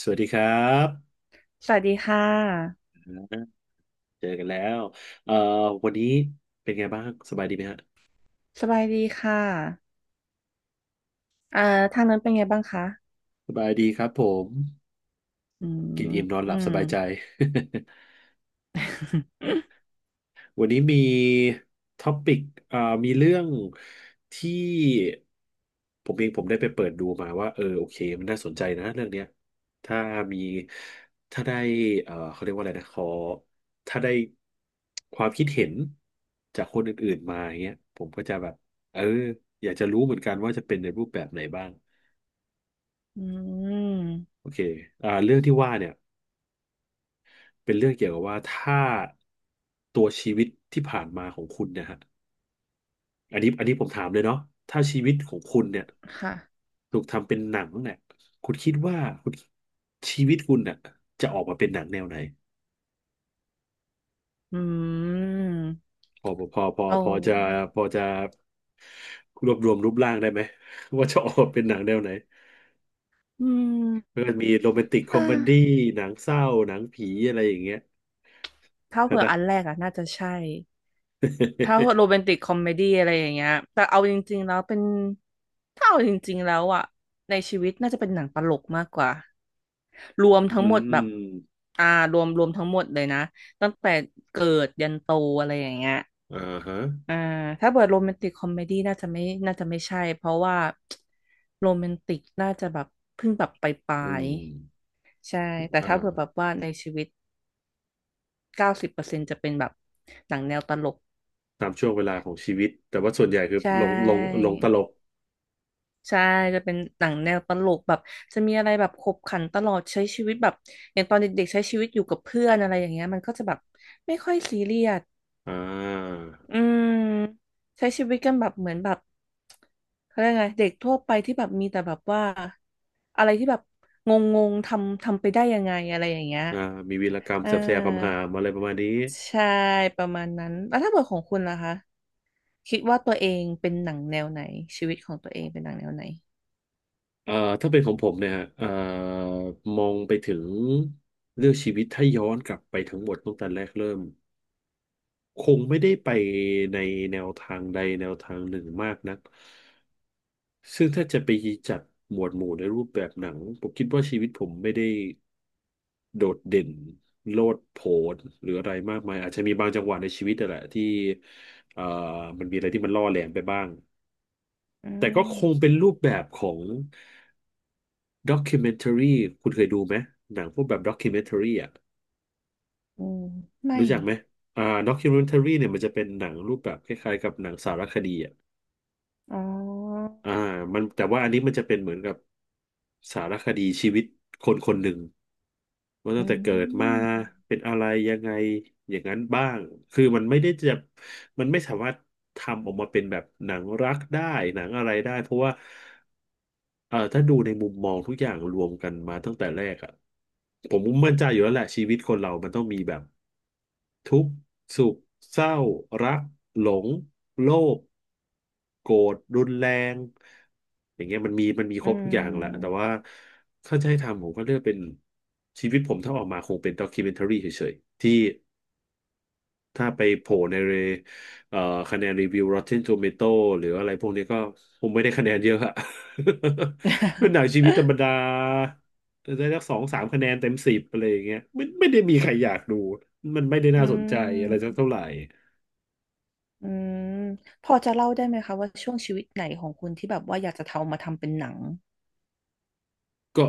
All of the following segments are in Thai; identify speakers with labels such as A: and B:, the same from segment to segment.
A: สวัสดีครับ
B: สวัสดีค่ะ
A: เจอกันแล้วเอ่อวันนี้เป็นไงบ้าง สบายดีไหมฮะ
B: สบายดีค่ะอ่าทางนั้นเป็นไงบ้างคะ
A: สบายดีครับผม
B: อื
A: กิน
B: ม
A: อิ่มนอนห
B: อื
A: ลับส
B: ม
A: บายใจ วันนี้มีท็อปิกอ่ามีเรื่องที่ผมเองได้ไปเปิดดูมาว่าเออโอเคมันน่าสนใจนะเรื่องเนี้ยถ้ามีถ้าได้เขาเรียกว่าอะไรนะขอถ้าได้ความคิดเห็นจากคนอื่นๆมาอย่างเงี้ยผมก็จะแบบเอออยากจะรู้เหมือนกันว่าจะเป็นในรูปแบบไหนบ้าง
B: อืม
A: โอเคเรื่องที่ว่าเนี่ยเป็นเรื่องเกี่ยวกับว่าถ้าตัวชีวิตที่ผ่านมาของคุณนะฮะ อันนี้ผมถามเลยเนาะถ้าชีวิตของคุณเนี่ย
B: ค่ะ
A: ถูกทำเป็นหนังเนี่ยคุณคิดว่าคุณชีวิตคุณเนี่ยจะออกมาเป็นหนังแนวไหน
B: อืม
A: พอพอพอ
B: เอา
A: พอจะพอจะรวบรวมรูปร่างได้ไหม ว่าจะออกมาเป็นหนังแนวไหน
B: อืม
A: มันก็มีโรแมนติกคอ
B: ถ้า
A: มเมดี้หนังเศร้าหนังผีอะไรอย่างเงี้ย
B: ถ้าเผื่อ
A: นะ
B: อันแรกอะน่าจะใช่ ถ้าโรแมน ติกคอมเมดี้อะไรอย่างเงี้ย แต่เอาจริงๆแล้วเป็นถ้าเอาจริงๆแล้วอะในชีวิตน่าจะเป็นหนังตลกมากกว่ารวมทั้
A: อื
B: งหมดแบบ
A: ม
B: อ่ารวมทั้งหมดเลยนะตั้งแต่เกิดยันโตอะไรอย่างเงี้ย
A: อ่าฮะ
B: อ่าถ้าเปิดโรแมนติกคอมเมดี้น่าจะไม่ใช่เพราะว่าโรแมนติกน่าจะแบบเพิ่งแบบปลา
A: อื
B: ย
A: ม
B: ๆใช่แต่
A: อ
B: ถ้าเปิดแบบ
A: ่า
B: ว่าในชีวิตเก้าสิบเปอร์เซ็นต์จะเป็นแบบหนังแนวตลก
A: ตามช่วงเวลาของชีวิตแต่ว่าส่วนใหญ่คือ
B: ใช่
A: ลงลงลงตลก
B: ใช่จะเป็นหนังแนวตลกแบบจะมีอะไรแบบขบขันตลอดใช้ชีวิตแบบอย่างตอนเด็กๆใช้ชีวิตอยู่กับเพื่อนอะไรอย่างเงี้ยมันก็จะแบบไม่ค่อยซีเรียส
A: อ่า
B: อืมใช้ชีวิตกันแบบเหมือนแบบเขาเรียกไงเด็กทั่วไปที่แบบมีแต่แบบว่าอะไรที่แบบงงงทำไปได้ยังไงอะไรอย่างเงี้ย
A: อ่ามีวีรกรรม
B: อ่า
A: แสบๆคำหามอะไรประมาณนี้
B: ใช่ประมาณนั้นแล้วถ้าเกิดของคุณล่ะคะคิดว่าตัวเองเป็นหนังแนวไหนชีวิตของตัวเองเป็นหนังแนวไหน
A: เอ่อถ้าเป็นของผมเนี่ยฮะมองไปถึงเลือกชีวิตถ้าย้อนกลับไปทั้งหมดตั้งแต่แรกเริ่มคงไม่ได้ไปในแนวทางใดแนวทางหนึ่งมากนักซึ่งถ้าจะไปจัดหมวดหมู่ในรูปแบบหนังผมคิดว่าชีวิตผมไม่ได้โดดเด่นโลดโผนหรืออะไรมากมายอาจจะมีบางจังหวะในชีวิตนั่นแหละที่เอ่อมันมีอะไรที่มันล่อแหลมไปบ้าง
B: อื
A: แต่ก็
B: ม
A: คงเป็นรูปแบบของด็อก m ิเมน r รีคุณเคยดูไหมหนังพวกแบบด็อก m ิเมน r รีอ่ะ
B: อืมไม่
A: รู้จักไหมด็อก m ิเมน r รีเนี่ยมันจะเป็นหนังรูปแบบคล้ายๆกับหนังสารคดีอ่ะ
B: อ๋อ
A: อ่ามันแต่ว่าอันนี้มันจะเป็นเหมือนกับสารคดีชีวิตคนคนหนึ่งว่า
B: อื
A: ตั้งแต่เกิดมา
B: ม
A: เป็นอะไรยังไงอย่างนั้นบ้างคือมันไม่สามารถทำออกมาเป็นแบบหนังรักได้หนังอะไรได้เพราะว่า ถ้าดูในมุมมองทุกอย่างรวมกันมาตั้งแต่แรกอะผมมั่นใจอยู่แล้วแหละชีวิตคนเรามันต้องมีแบบทุกข์สุขเศร้ารักหลงโลภโกรธรุนแรงอย่างเงี้ยมันมีค
B: อื
A: รบทุกอย่างแหละแต่
B: ม
A: ว่าถ้าจะให้ทำผมก็เลือกเป็นชีวิตผมถ้าออกมาคงเป็นด็อกิเมนทารีเฉยๆที่ ถ้าไปโผล่ในเรเอ่อคะแนนรีวิว Rotten Tomato หรืออะไรพวกนี้ก็คงไม่ได้คะแนนเยอะอะ เป็นหนังชีวิตธรรมดาได้สักสองสามคะแนนเต็มสิบอะไรอย่างเงี้ยไม่ได้มีใครอยากดูมันไม่ได้
B: อื
A: น่าสนใจอะไรสัก
B: ม
A: เท่าไหร่
B: อืมพอจะเล่าได้ไหมคะว่าช่วงชีวิตไหนของคุณที่แบบว่าอยากจะทำมาทำเป็นหนัง
A: ก็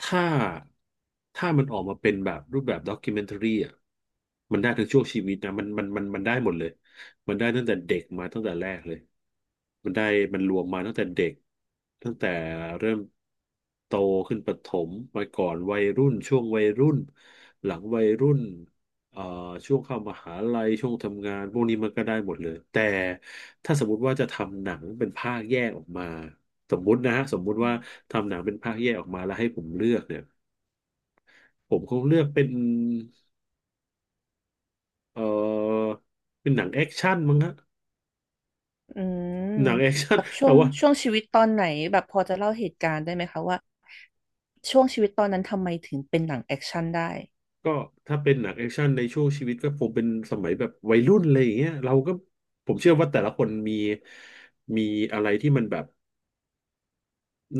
A: ถ้าถ้ามันออกมาเป็นแบบรูปแบบด็อก m e เ t a r รีอ่ะมันได้ทั้งช่วงชีวิตนะมันได้หมดเลยมันได้ตั้งแต่เด็กมาตั้งแต่แรกเลยมันได้มันรวมมาตั้งแต่เด็กตั้งแต่เริ่มโตขึ้นประถมมาก่อนวัยรุ่นช่วงวัยรุ่นหลังวัยรุ่นเอ่อช่วงเข้ามหาลัยช่วงทำงานพวกนี้มันก็ได้หมดเลยแต่ถ้าสมมติว่าจะทำหนังเป็นภาคแยกออกมา สมมุตินะฮะสมมุติว่าทำหนังเป็นภาคแยกออกมาแล้วให้ผมเลือกเนี่ยผมคงเลือกเป็นเอ่อเป็นหนังแอคชั่นมั้งฮะ
B: อืม
A: หนังแอคชั่
B: แบ
A: น
B: บ ช่
A: แต่
B: วง
A: ว่า
B: ช่วงชีวิตตอนไหนแบบพอจะเล่าเหตุการณ์ได้ไหมคะว่าช่วงชีวิตตอนนั้นทำไมถึงเป็นหนังแอคชั่นได้
A: ก็ถ้าเป็นหนังแอคชั่นในช่วงชีวิตก็ผมเป็นสมัยแบบวัยรุ่นอะไรอย่างเงี้ยเราก็ผมเชื่อว่าแต่ละคนมีอะไรที่มันแบบ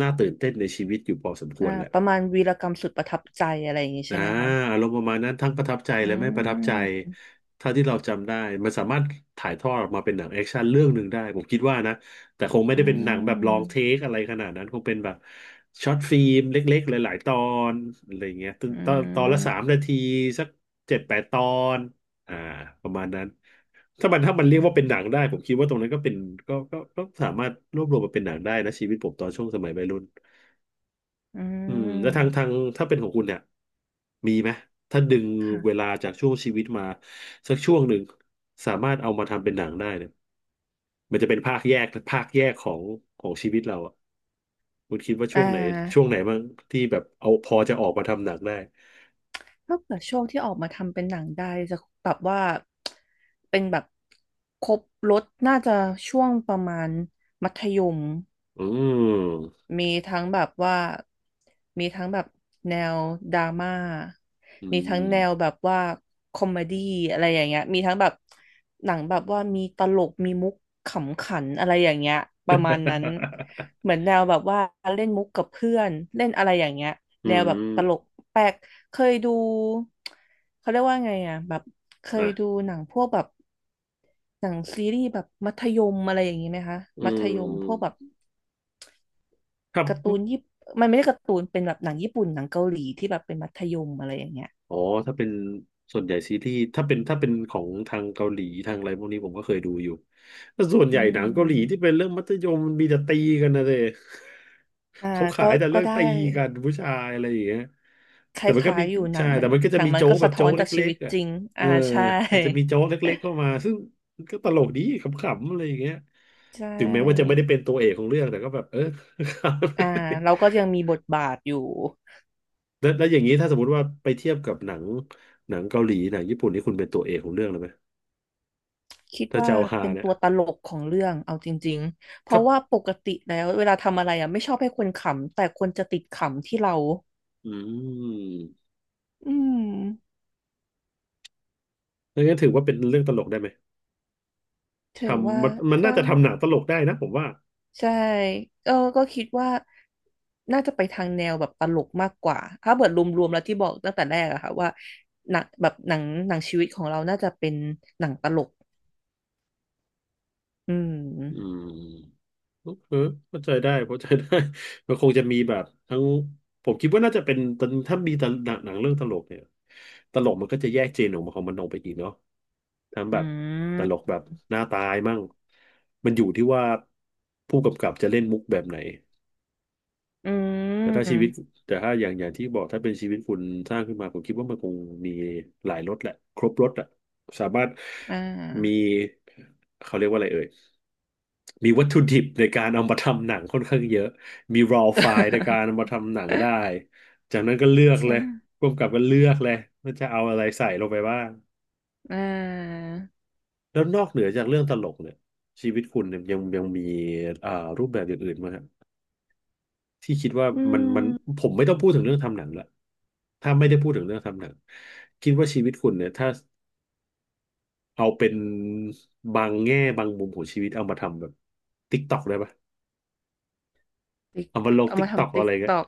A: น่าตื่นเต้นในชีวิตอยู่พอสมควรแหละ
B: ประมาณวีรกรรมสุดประทับใจอะไรอย่างงี้
A: อ่า
B: ใช่ไหมคะ
A: อารมณ์ประมาณนั้นทั้งประทับใจ
B: อื
A: และไม่ประทับใจ
B: ม
A: ถ้าที่เราจำได้มันสามารถถ่ายทอดออกมาเป็นหนังแอคชั่นเรื่องหนึ่งได้ผมคิดว่านะแต่คงไม่
B: อื
A: ได้เป็นหนังแบบลองเท
B: ม
A: คอะไรขนาดนั้นคงเป็นแบบช็อตฟิล์มเล็กๆหลายๆตอนอะไรอย่างเงี้ยตอน
B: อื
A: ตอนตอนละสาม
B: ม
A: นาทีสัก7-8 ตอนอ่าประมาณนั้นถ้ามันเรีย
B: อื
A: กว่า
B: ม
A: เป็นหนังได้ผมคิดว่าตรงนั้นก็เป็นก็สามารถรวบรวมมาเป็นหนังได้นะชีวิตผมตอนช่วงสมัยวัยรุ่น
B: อื
A: แล้วทาง
B: ม
A: ถ้าเป็นของคุณเนี่ยมีไหมถ้าดึงเว
B: ค่ะ
A: ลาจากช่วงชีวิตมาสักช่วงหนึ่งสามารถเอามาทำเป็นหนังได้เนี่ยมันจะเป็นภาคแยกของชีวิตเราอ่ะคุณคิดว่า
B: อ่
A: ช่วงไหนช่วง
B: า
A: ไหนบ้างที่แบบเอาพอจะออกมาทำหนังได้
B: ถ้าเกิดช่วงที่ออกมาทำเป็นหนังได้จะแบบว่าเป็นแบบครบรถน่าจะช่วงประมาณมัธยม
A: อืม
B: มีทั้งแบบว่ามีทั้งแบบแนวดราม่า
A: อื
B: มีทั้ง
A: ม
B: แนวแบบว่าคอมเมดี้อะไรอย่างเงี้ยมีทั้งแบบหนังแบบว่ามีตลกมีมุกขำขันอะไรอย่างเงี้ยประมาณนั้น เหมือนแนวแบบว่าเล่นมุกกับเพื่อนเล่นอะไรอย่างเงี้ย
A: อื
B: แนวแบบตลก
A: ม
B: แปลกเคยดูเขาเรียกว่าไงอ่ะแบบเคยดู
A: อ่ะ
B: หนังพวกแบบหนังซีรีส์แบบมัธยมอะไรอย่างนี้ไหมคะ
A: อื
B: มัธยมพวกแบ
A: ม
B: บ
A: ครับ
B: การ์ตูนญี่ปุ่นมันไม่ได้การ์ตูนเป็นแบบหนังญี่ปุ่นหนังเกาหลีที่แบบเป็นมัธยมอะไรอย่างเงี้ย
A: อ๋อถ้าเป็นส่วนใหญ่ซีรีส์ถ้าเป็นของทางเกาหลีทางอะไรพวกนี้ผมก็เคยดูอยู่แต่ส่วน
B: อื
A: ใหญ่หนังเกาหลีที่
B: ม
A: เป็นเรื่องมัธยมมันมีแต่ตีกันนะเด้
B: อ่า
A: เขาขา
B: ก็
A: ยแต่
B: ก็
A: เรื่อง
B: ได้
A: ตีกันผู้ชายอะไรอย่างเงี้ย
B: ค
A: แต่มันก็
B: ล้าย
A: มี
B: ๆอยู่หนั
A: ใช่
B: งมั
A: แต่
B: น
A: มันก็
B: ห
A: จะ
B: นัง
A: มี
B: มัน
A: โจ๊
B: ก็
A: กแบ
B: สะ
A: บ
B: ท้อ
A: โจ๊
B: น
A: กเล
B: จากชี
A: ็
B: วิ
A: ก
B: ต
A: ๆอ่ะ
B: จริง
A: เออ
B: ใช่
A: มันจะมีโจ๊กเล็กๆเข้ามาซึ่งมันก็ตลกดีขำๆอะไรอย่างเงี้ย
B: ใช
A: ถึงแม้ว่าจะ
B: ่
A: ไม่ได้เป็นตัวเอกของเรื่องแต่ก็แบบเออ
B: อ่าเรา ก็ยังมีบทบาทอยู่
A: แล้วอย่างนี้ถ้าสมมติว่าไปเทียบกับหนังหนังเกาหลีหนังญี่ปุ่นนี่คุณเป็นตัวเอกของเรื่องเลยไหม
B: คิด
A: ถ้า
B: ว่า
A: จะเอาฮา
B: เป็น
A: เนี่ย
B: ตัวตลกของเรื่องเอาจริงๆเพ
A: ครั
B: ราะ
A: บ
B: ว่าปกติแล้วเวลาทำอะไรอ่ะไม่ชอบให้คนขำแต่คนจะติดขำที่เรา
A: อืม
B: อืม
A: งั้นถือว่าเป็นเรื่องตลกได้ไหม
B: ถือว่า
A: ทำมันน่า
B: ก็
A: จะทำหนังตลกได้นะผมว่า
B: ใช่เออ ก็คิดว่าน่าจะไปทางแนวแบบตลกมากกว่าถ้าเกิดรวมๆแล้วที่บอกตั้งแต่แรกอะค่ะว่าหนังแบบหนังหนังชีวิตของเราน่าจะเป็นหนังตลกอื
A: อื
B: ม
A: ม เออเข้าใจได้เข้าใจได้ มันคงจะมีแบบทั้งผมคิดว่าน่าจะเป็นตอนถ้ามีตลหนังหนังเรื่องตลกเนี่ยตลกมันก็จะแยกเจนออกมาของมันออกไปอีกเนาะทั้ง
B: อื
A: แบบต
B: ม
A: ลกแบบหน้าตายมั่งมันอยู่ที่ว่าผู้กำกับจะเล่นมุกแบบไหน
B: อื
A: แต่ถ้าชีวิต
B: ม
A: แต่ถ้าอย่างที่บอกถ้าเป็นชีวิตคุณสร้างขึ้นมาผมคิดว่ามันคงมีหลายรสแหละครบรสอะสามารถ
B: อ่า
A: มีเขาเรียกว่าอะไรเอ่ย มีวัตถุดิบในการเอามาทำหนังค่อนข้างเยอะมี raw file ในการเอามา ทำหนังได้จากนั้นก็เลือกเล
B: ใช่
A: ยร่วมกับก็เลือกเลยว่าจะเอาอะไรใส่ลงไปบ้าง
B: อ่า
A: แล้วนอกเหนือจากเรื่องตลกเนี่ยชีวิตคุณเนี่ยยังมีอ่ารูปแบบอย่างอื่นไหมาครับที่คิดว่า
B: อื
A: มันมัน
B: ม
A: ผมไม่ต้องพูดถึงเรื่องทำหนังละถ้าไม่ได้พูดถึงเรื่องทำหนัง คิดว่าชีวิตคุณเนี่ยถ้าเอาเป็นบางแง่บางมุมของชีวิตเอามาทำแบบติ๊กตอกได้ปะ
B: ติ๊ก
A: เอามาลง
B: เอา
A: ติ๊ก
B: มา
A: ตอก
B: ทำ
A: อะ
B: ติ๊ก
A: ไร
B: ต
A: เงี้ย
B: อก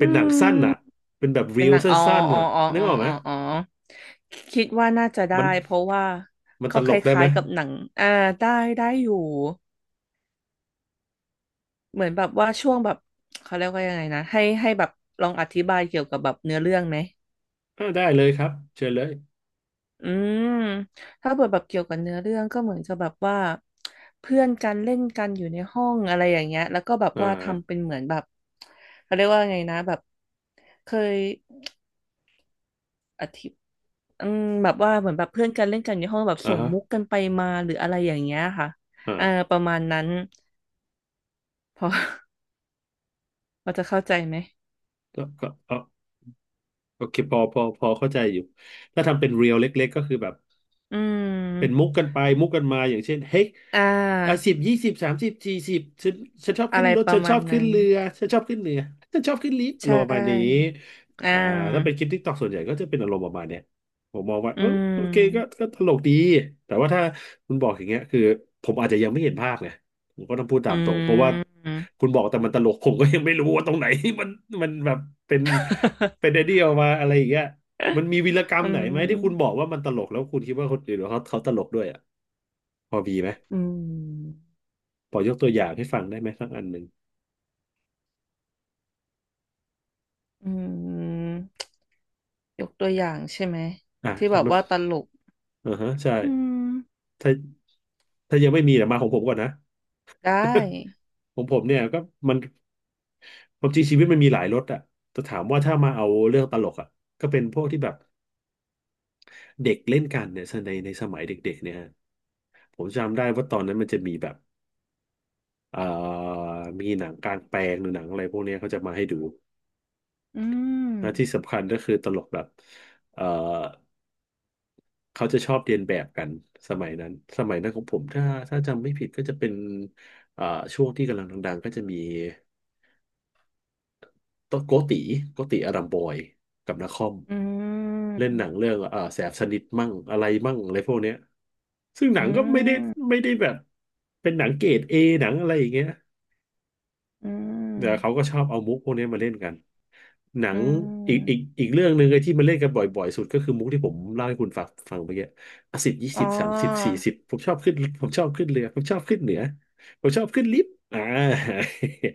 B: อื
A: ็นหนัง
B: ม
A: สั้นอ่ะ เป็นแบบรี
B: เป็น
A: ล
B: หนัง
A: สั
B: อ๋อ
A: ้นๆ
B: อ๋อ
A: อ่ะ
B: อ๋อ
A: นึ
B: อ๋
A: ก
B: อ
A: ออกไหม
B: อ๋ออ๋อคิดว่าน่าจะได้
A: มัน
B: เพราะว่า
A: มันต
B: เขา
A: ล
B: ค
A: กได้ไห
B: ล้า
A: ม
B: ยๆกับหนังอ่าได้ได้อยู่เหมือนแบบว่าช่วงแบบเขาเรียกว่ายังไงนะให้แบบลองอธิบายเกี่ยวกับแบบเนื้อเรื่องไหม
A: อ่าได้เลยครับ เชิญเลย
B: อืมถ้าเปิดแบบเกี่ยวกับเนื้อเรื่องก็เหมือนจะแบบว่าเพื่อนกันเล่นกันอยู่ในห้องอะไรอย่างเงี้ยแล้วก็แบบ
A: อ่
B: ว่าทำ
A: า
B: เป็นเหมือนแบบเขาเรียกว่าไงนะแบบเคยอธิ อืมแบบว่าเหมือนแบบเพื่อนกันเล่นกันอยู่ในห้องแบบ
A: อ่า
B: ส่ง
A: ฮะ
B: มุกกันไปมาหรืออะไรอย่างเงี้ยค่ะอ่า
A: อ่า
B: ประมาณนั้นพอ พอจะเข้าใจไหม
A: ก็โอเคพอ พอเข้าใจอยู่ ถ้าทำเป็นเรียลเล็กๆก็คือแบบ
B: อื
A: เป็นมุก
B: ม
A: กันไปมุกกันมาอย่างเช่นเฮ้ย
B: อ่
A: อ่ะสิ
B: า
A: บยี่สิบสามสิบสี่สิบฉันชอบ
B: อะ
A: ขึ้น
B: ไร
A: รถ
B: ประ
A: ฉันช
B: มา
A: อ
B: ณ
A: บขึ้น
B: นั้น
A: เรือฉันชอบขึ้นเหนือฉันชอบขึ้นลิฟต์อา
B: ใช
A: รมณ์ประมาณนี้
B: ่อ่
A: อ่าถ้าเป็
B: า
A: นคลิปทิกตอกส่วนใหญ่ก็จะเป็นอารมณ์ประมาณเนี้ยผมมองว่า
B: อื
A: เออโอเคก็
B: ม
A: ก็ตลกดีแต่ว่าถ้าคุณบอกอย่างเงี้ยคือผมอาจจะยังไม่เห็นภาพไงผมก็ต้องพูดตา
B: อื
A: มตรงเพราะว่า
B: ม
A: คุณบอกแต่มันตลกผมก็ยังไม่รู้ว่าตรงไหน มันมันแบบเป็นเป็นไอ เดียออกมาอะไรอย่างเงี้ย มันมีวีรกรร
B: อื
A: มไหนไหมที่คุณบอ
B: ม
A: กว่ามันตลกแล้วคุณคิดว่าคนอื่นเขาตลกด้วยอ่ะพอมีไหม
B: อืม
A: พอยกตัวอย่างให้ฟังได้ไหมสักอันหนึ่ง
B: อืมยกตัวอย่างใช่ไหม
A: อ่ะ
B: ที่แบ
A: ถ้า
B: บ
A: มัน
B: ว่าตลก
A: อ่าฮะใช่
B: อืม
A: ถ้ายังไม่มีเดี๋ยวมาของผมก่อนนะ
B: ได้
A: ของผมเนี่ยก็มันความจริงชีวิตมันมีหลายรสอ่ะแต่ถามว่าถ้ามาเอาเรื่องตลกอ่ะก็เป็นพวกที่แบบเด็กเล่นกันเนี่ยในสมัยเด็กๆเนี่ยฮะผมจำได้ว่าตอนนั้นมันจะมีแบบเอ่อมีหนังกลางแปลงหรือหนังอะไรพวกเนี้ยเขาจะมาให้ดู
B: อืม
A: นะที่สำคัญก็คือตลกแบบเอ่อ เขาจะชอบเรียนแบบกันสมัยนั้นสมัยนั้นของผมถ้าจำไม่ผิดก็จะเป็นเอ่าช่วงที่กำลังดังๆก็จะมีโตโกติโกติอารัมบอยกับนคร
B: อื
A: เล่นหนัง
B: ม
A: เรื่องเอ่าแสบสนิทมั่งอะไรมั่งอะไรพวกเนี้ยซึ่งหนั
B: อื
A: งก็ไม่ได้
B: ม
A: ไม่ได้แบบเป็นหนังเกรดเอหนังอะไรอย่างเงี้ย
B: อื
A: เดี๋ยวเขา
B: ม
A: ก็ชอบเอามุกพวกนี้มาเล่นกัน หนั
B: อื
A: งอีกอีก
B: ม
A: อีกเรื่องหนึ่งไอ้ที่มันเล่นกันบ่อยๆสุดก็คือมุกที่ผมเล่าให้คุณฟังเมื่อกี้อ่ะสิบยี่
B: อ๋อ
A: สิบสามสิบสี่สิบผมชอบขึ้นเรือผมชอบขึ้นเหนือผมชอบขึ้นลิฟต์อ่า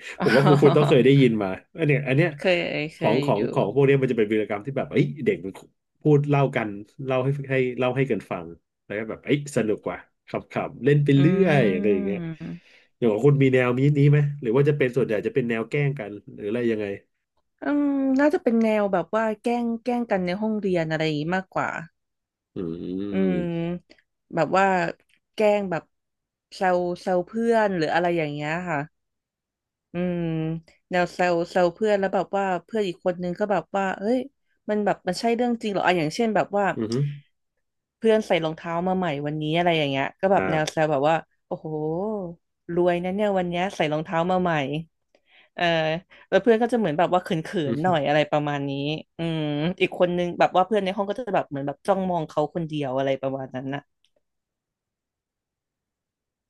A: ผ
B: อ๋
A: มว่าคุณต้องเค
B: อ
A: ยได้ยินมาอันเนี้ยอันเนี้ย
B: เคย
A: ข
B: เค
A: อง
B: ย
A: ขอ
B: อ
A: ง
B: ยู่
A: ของพวกเนี้ยมันจะเป็นวีรกรรมที่แบบเอ้ยเด็กมันพูดเล่ากันเล่าให้กันฟัง แล้วก็แบบเอ้ยสนุกว่ะขำๆเล่นไป
B: อื
A: เรื่อยอะไรอย่างเงี้ย
B: ม
A: อย่างของคุณมีแนวนี้ไหมหรือว่าจะเป็นส่วนใหญ่จะเป็นแนวแกล้งกัน หรืออะไรยังไง
B: อืมน่าจะเป็นแนวแบบว่าแกล้งกันในห้องเรียนอะไรอย่างนี้มากกว่า
A: อื
B: อืม
A: ม
B: แบบว่าแกล้งแบบแซวเพื่อนหรืออะไรอย่างเงี้ยค่ะ อืมแนวเซลเพื่อนแล้วแบบว่าเพื่อนอีกคนนึงก็แบบว่าเอ้ยมันแบบมันใช่เรื่องจริงเหรออ่ะอย่างเช่นแบบว่า
A: อือฮึ
B: เพื่อนใส่รองเท้ามาใหม่วันนี้อะไรอย่างเงี้ยก็แบบแนวเซ
A: อ่า
B: ลแบบว่าโอ้โหรวยนะเนี่ยวันเนี้ยใส่รองเท้ามาใหม่เออแล้วเพื่อนก็จะเหมือนแบบว่าเขิ
A: อื
B: น
A: อ
B: ๆห
A: ฮึ
B: น่อยอะไรประมาณนี้อืมอีกคนนึงแบบว่าเพื่อนในห้องก็จะแบบเหมือนแบบจ้องมองเขาคนเดียวอะไรประมาณนั้นน่ะ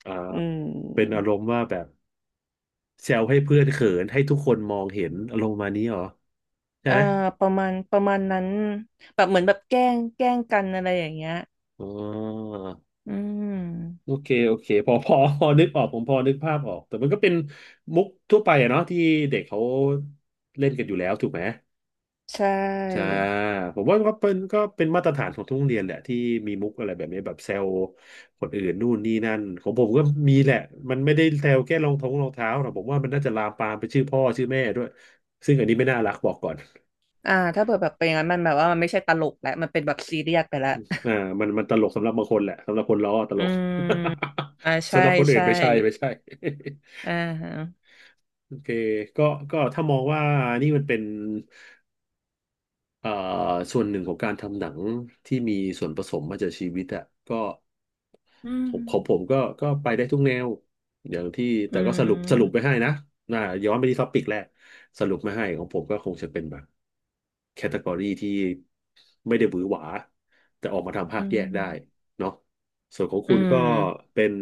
A: อ่า
B: อื
A: เป็นอา
B: ม
A: รมณ์ว่าแบบแซวให้เพื่อนเขินให้ทุกคนมองเห็นอารมณ์มานี้เหรอใช่
B: เอ่อ
A: ไหม
B: ประมาณนั้นแบบเหมือนแบบแกล้งกันอะไรอย่างเงี้ย
A: อ๋อ
B: อื
A: โอ
B: ม
A: เค โอเคพอนึกออกผมพอนึกภาพออกแต่มันก็เป็นมุกทั่วไปอะเนาะที่เด็กเขาเล่นกันอยู่แล้วถูกไหม
B: ใช่
A: ใช่ผมว่าก็เป็นมาตรฐานของทุกโรงเรียนแหละที่มีมุกอะไรแบบนี้แบบแซวคนอื่นนู่นนี่นั่นของผมก็มีแหละมันไม่ได้แซวแค่รองเท้าหรอกผมว่ามันน่าจะลามปามไปชื่อพ่อชื่อแม่ด้วยซึ่งอันนี้ไม่น่ารักบอกก่อน
B: ถ้าเปิดแบบเป็นอย่างนั้นมันแบบว่ามันไม่ใช่ตลกแล้วมันเป็นแบบซีเรียสไปแล้ว
A: อ่ามันตลกสำหรับบางคนแหละสำหรับคนล้อต
B: อื
A: ลก
B: มใช่
A: สำหรับคนอื่น
B: ใช่
A: ไม่ใช่ไม่ใช่
B: อ่าฮะ
A: โอเคก็ก็ถ้ามองว่านี่มันเป็นเอ่อส่วนหนึ่งของการทำหนังที่มีส่วนผสมมาจากชีวิตอะก็
B: อื
A: ผมของผ
B: ม
A: มก็ก็ไปได้ทุกแนวอย่างที่
B: อื
A: แต่ก็สรุปไป
B: ม
A: ให้นะน่าย้อนไปที่ท็อปิกแรกสรุปไม่ให้ของผมก็คงจะเป็นแบบแคตตากรีที่ไม่ได้หวือหวาแต่ออกมาทำภาค
B: อืม
A: แยกได้เนาะส่วนของ
B: อื
A: คุณก็
B: ม
A: เป็น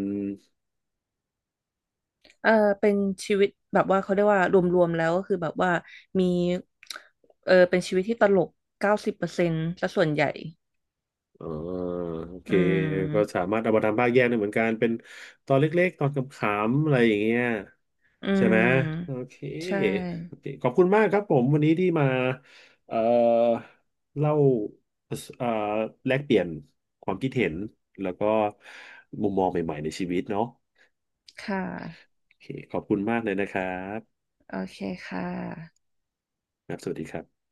B: เออเป็นชีวิตแบบว่าเขาเรียกว่ารวมๆแล้วก็คือแบบว่ามีเออเป็นชีวิตที่ตลกเก้าสิบเปอร์เซ็นต์ซะส่วนใหญ่
A: อ๋อโอเค
B: อื
A: ก็สา
B: ม
A: มารถเอามาทำภาคแยกได้เหมือนกันเป็นตอนเล็กๆตอนขำๆอะไรอย่างเงี้ย
B: อื
A: ใช่ไหมโอ
B: ม
A: เค
B: ใช่
A: โอเคขอบคุณมากครับผมวันนี้ที่มาเอ่อเล่าเอ่อแลกเปลี่ยนความคิดเห็นแล้วก็มุมมองใหม่ๆในชีวิตเนาะ
B: ค่ะ
A: โอเคขอบคุณมากเลยนะครับ
B: โอเคค่ะ
A: ครับสวัสดีครับ